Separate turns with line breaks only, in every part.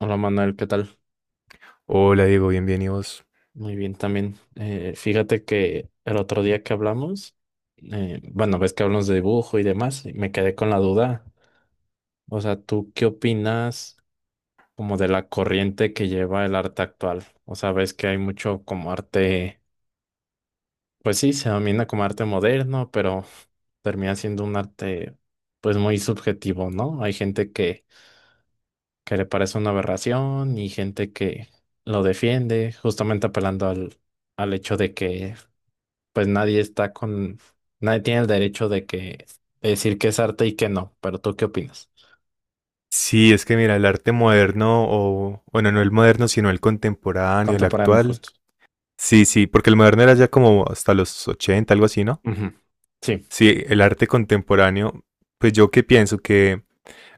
Hola Manuel, ¿qué tal?
Hola Diego, bienvenidos.
Muy bien también. Fíjate que el otro día que hablamos, bueno, ves que hablamos de dibujo y demás, y me quedé con la duda. O sea, ¿tú qué opinas como de la corriente que lleva el arte actual? O sea, ves que hay mucho como arte, pues sí, se domina como arte moderno, pero termina siendo un arte pues muy subjetivo, ¿no? Hay gente que le parece una aberración y gente que lo defiende, justamente apelando al hecho de que pues nadie está con, nadie tiene el derecho de decir que es arte y que no, pero ¿tú qué opinas?
Sí, es que mira, el arte moderno, o bueno, no el moderno, sino el contemporáneo, el
Contemporáneo
actual.
justo.
Sí, sí, porque el moderno era ya como hasta los 80, algo así, ¿no?
Ujú. Sí,
Sí, el arte contemporáneo, pues yo que pienso que,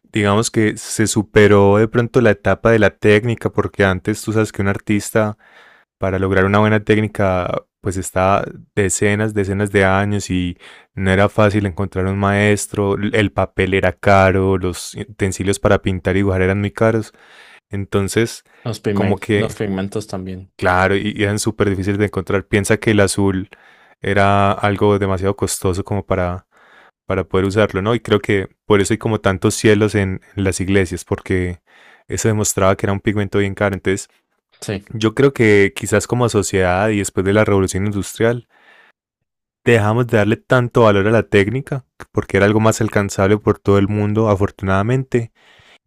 digamos que se superó de pronto la etapa de la técnica, porque antes tú sabes que un artista para lograr una buena técnica, pues está decenas, decenas de años y no era fácil encontrar un maestro, el papel era caro, los utensilios para pintar y dibujar eran muy caros, entonces como
los
que,
pigmentos también.
claro, y eran súper difíciles de encontrar. Piensa que el azul era algo demasiado costoso como para poder usarlo, ¿no? Y creo que por eso hay como tantos cielos en las iglesias, porque eso demostraba que era un pigmento bien caro. Entonces,
Sí.
yo creo que quizás como sociedad y después de la revolución industrial, dejamos de darle tanto valor a la técnica, porque era algo más alcanzable por todo el mundo, afortunadamente,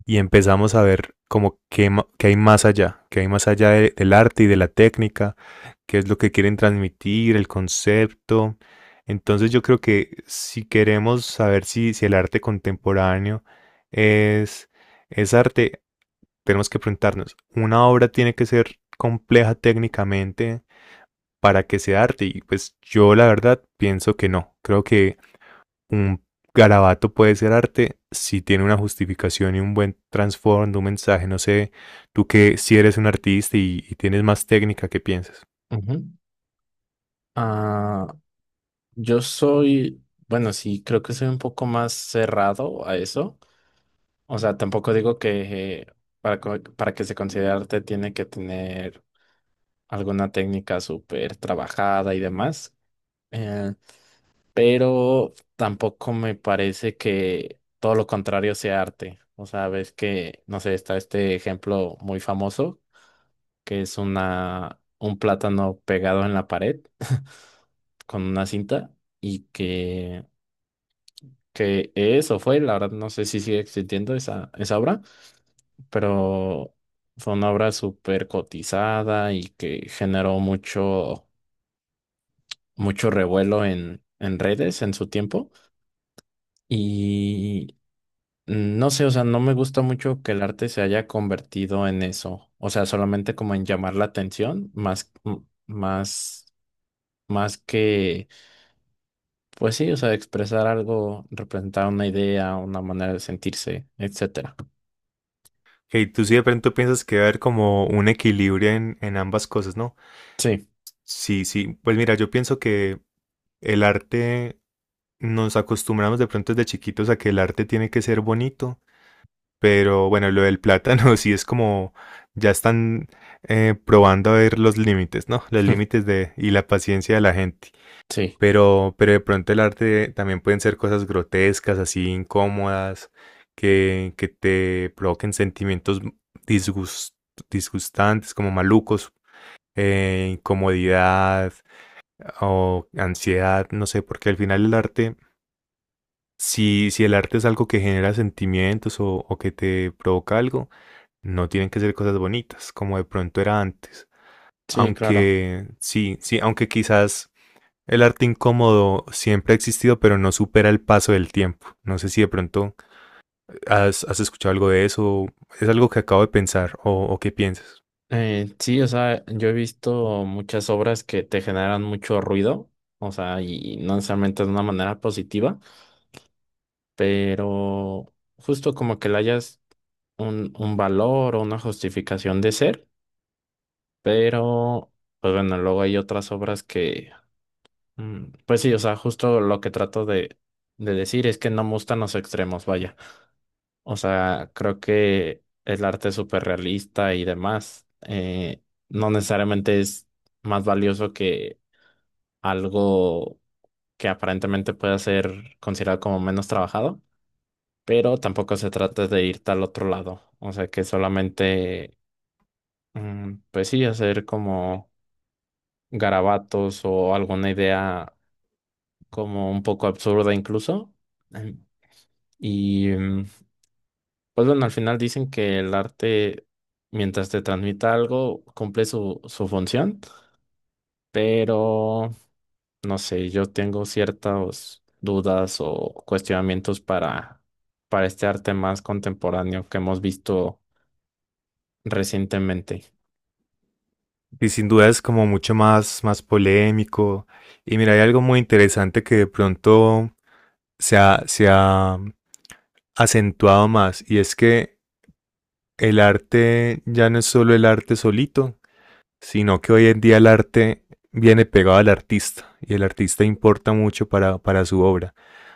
y empezamos a ver como que, que hay más allá, que hay más allá del arte y de la técnica, qué es lo que quieren transmitir, el concepto. Entonces yo creo que si queremos saber si, si el arte contemporáneo es, es arte, tenemos que preguntarnos, ¿una obra tiene que ser compleja técnicamente para que sea arte? Y pues yo la verdad pienso que no. Creo que un garabato puede ser arte si tiene una justificación y un buen trasfondo, un mensaje. No sé, tú que si eres un artista y tienes más técnica, ¿qué piensas?
Ujú. Ah, yo soy, bueno, sí, creo que soy un poco más cerrado a eso. O sea, tampoco digo que para que se considere arte tiene que tener alguna técnica súper trabajada y demás. Eh, pero tampoco me parece que todo lo contrario sea arte. O sea, ves que, no sé, está este ejemplo muy famoso, que es un plátano pegado en la pared con una cinta y que eso fue, la verdad no sé si sigue existiendo esa obra, pero fue una obra súper cotizada y que generó mucho, mucho revuelo en redes en su tiempo. Y No sé, o sea, no me gusta mucho que el arte se haya convertido en eso, o sea, solamente como en llamar la atención, más que, pues sí, o sea, expresar algo, representar una idea, una manera de sentirse, etcétera.
Hey, tú sí de pronto piensas que va a haber como un equilibrio en ambas cosas, ¿no?
Sí,
Sí, sí. Pues mira, yo pienso que el arte nos acostumbramos de pronto desde chiquitos a que el arte tiene que ser bonito. Pero bueno, lo del plátano sí es como ya están probando a ver los límites, ¿no? Los límites de y la paciencia de la gente.
sí,
Pero de pronto el arte también pueden ser cosas grotescas, así incómodas, que te provoquen sentimientos disgust- disgustantes, como malucos, incomodidad o ansiedad, no sé, porque al final el arte si, si el arte es algo que genera sentimientos o que te provoca algo, no tienen que ser cosas bonitas, como de pronto era antes.
sí, claro.
Aunque sí, sí, aunque quizás el arte incómodo siempre ha existido, pero no supera el paso del tiempo. No sé si de pronto has escuchado algo de eso, es algo que acabo de pensar o qué piensas.
Sí, o sea, yo he visto muchas obras que te generan mucho ruido, o sea, y no necesariamente de una manera positiva, pero justo como que la hayas un valor o una justificación de ser, pero pues bueno, luego hay otras obras que, pues sí, o sea, justo lo que trato de decir es que no me gustan los extremos, vaya. O sea, creo que el arte súper realista y demás no necesariamente es más valioso que algo que aparentemente pueda ser considerado como menos trabajado. Pero tampoco se trata de ir al otro lado, o sea que solamente pues sí, hacer como garabatos o alguna idea como un poco absurda incluso. Em, Y pues bueno, al final dicen que el arte, mientras te transmita algo, cumple su función, pero no sé, yo tengo ciertas dudas o cuestionamientos para este arte más contemporáneo que hemos visto recientemente.
Y sin duda es como mucho más, más polémico. Y mira, hay algo muy interesante que de pronto se ha acentuado más y es que el arte ya no es solo el arte solito, sino que hoy en día el arte viene pegado al artista y el artista importa mucho para su obra.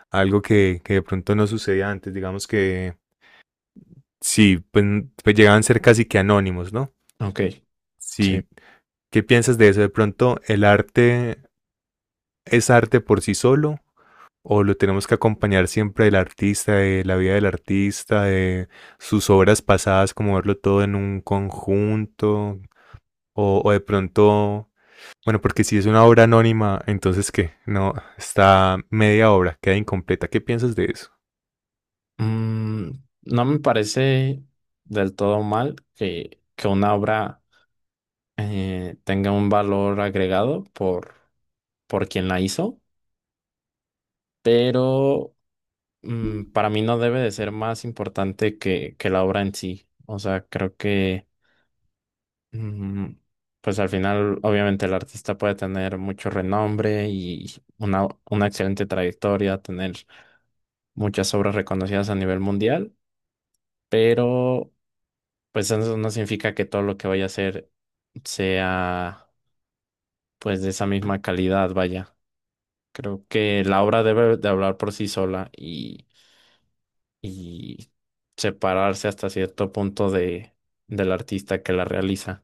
Algo que de pronto no sucedía antes, digamos que sí, pues llegaban a ser casi que anónimos, ¿no?
Ok, sí.
Sí, ¿qué piensas de eso? De pronto, ¿el arte es arte por sí solo o lo tenemos que acompañar siempre del artista, de la vida del artista, de sus obras pasadas, como verlo todo en un conjunto? O de pronto, bueno, porque si es una obra anónima, entonces ¿qué? No, está media obra, queda incompleta. ¿Qué piensas de eso?
Mm, no me parece del todo mal que una obra tenga un valor agregado por quien la hizo, pero para mí no debe de ser más importante que la obra en sí. O sea, creo que mm, pues al final obviamente el artista puede tener mucho renombre y una excelente trayectoria, tener muchas obras reconocidas a nivel mundial, pero pues eso no significa que todo lo que vaya a hacer sea pues de esa misma calidad, vaya. Creo que la obra debe de hablar por sí sola y separarse hasta cierto punto de, del artista que la realiza.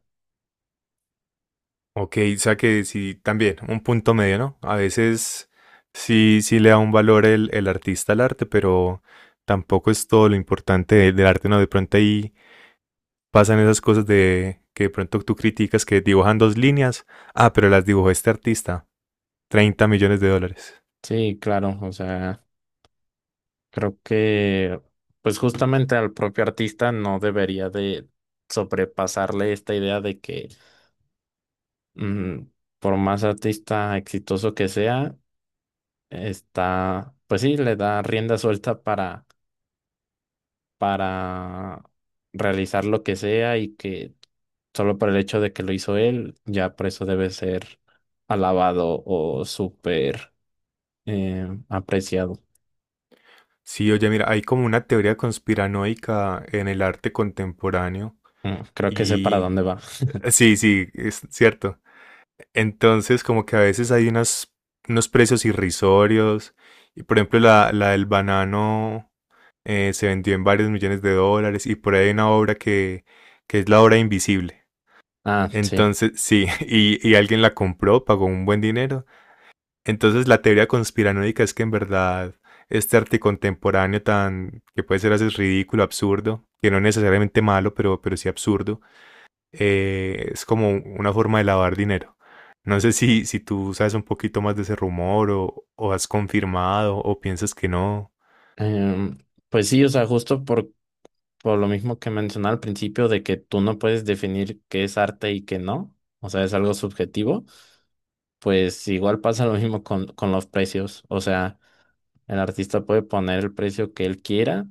Ok, o sea que sí, también, un punto medio, ¿no? A veces sí, sí le da un valor el artista al arte, pero tampoco es todo lo importante del arte, ¿no? De pronto ahí pasan esas cosas de que de pronto tú criticas que dibujan dos líneas, ah, pero las dibujó este artista, 30 millones de dólares.
Sí, claro, o sea, creo que pues justamente al propio artista no debería de sobrepasarle esta idea de que mm, por más artista exitoso que sea, está, pues sí, le da rienda suelta para realizar lo que sea y que solo por el hecho de que lo hizo él, ya por eso debe ser alabado o súper apreciado.
Sí, oye, mira, hay como una teoría conspiranoica en el arte contemporáneo
Creo que sé para
y
dónde va.
sí, sí, es cierto. Entonces, como que a veces hay unos precios irrisorios y por ejemplo la del banano se vendió en varios millones de dólares y por ahí hay una obra que es la obra invisible.
Ah, sí.
Entonces, sí, y alguien la compró, pagó un buen dinero, entonces la teoría conspiranoica es que en verdad este arte contemporáneo tan que puede ser a veces ridículo, absurdo, que no es necesariamente malo, pero sí absurdo, es como una forma de lavar dinero. No sé si, si tú sabes un poquito más de ese rumor o has confirmado o piensas que no.
Em, pues sí, o sea, justo por lo mismo que mencioné al principio de que tú no puedes definir qué es arte y qué no, o sea, es algo subjetivo, pues igual pasa lo mismo con los precios, o sea, el artista puede poner el precio que él quiera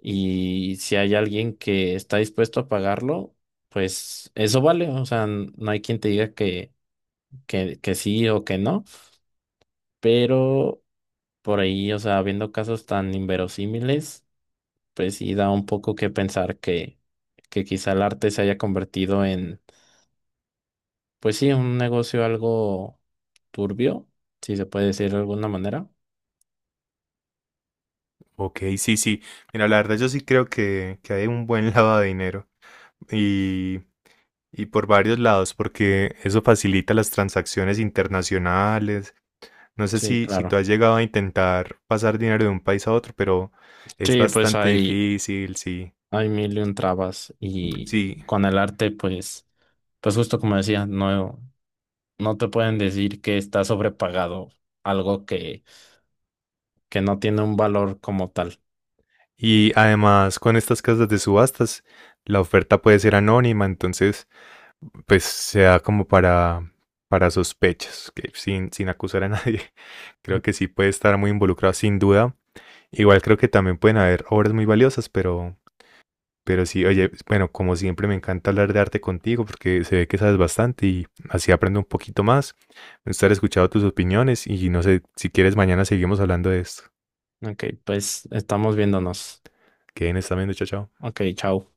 y si hay alguien que está dispuesto a pagarlo, pues eso vale. O sea, n- no hay quien te diga que, que sí o que no, pero por ahí, o sea, viendo casos tan inverosímiles, pues sí da un poco que pensar que quizá el arte se haya convertido en, pues sí, un negocio algo turbio, si se puede decir de alguna manera.
Ok, sí, sí. Mira, la verdad yo sí creo que hay un buen lavado de dinero y, y por varios lados, porque eso facilita las transacciones internacionales. No sé
Sí,
si, si tú
claro.
has llegado a intentar pasar dinero de un país a otro, pero es
Sí, pues
bastante difícil, sí,
hay mil y un trabas y
sí.
con el arte, pues, pues justo como decía, no, no te pueden decir que está sobrepagado algo que no tiene un valor como tal.
Y además con estas casas de subastas, la oferta puede ser anónima, entonces pues se da como para sospechas, que sin acusar a nadie. Creo que sí puede estar muy involucrado, sin duda. Igual creo que también pueden haber obras muy valiosas, pero sí, oye, bueno, como siempre me encanta hablar de arte contigo porque se ve que sabes bastante y así aprendo un poquito más. Me gustaría escuchar tus opiniones y no sé si quieres mañana seguimos hablando de esto.
Ok, pues estamos viéndonos.
Que en esta chao, chao.
Ok, chao.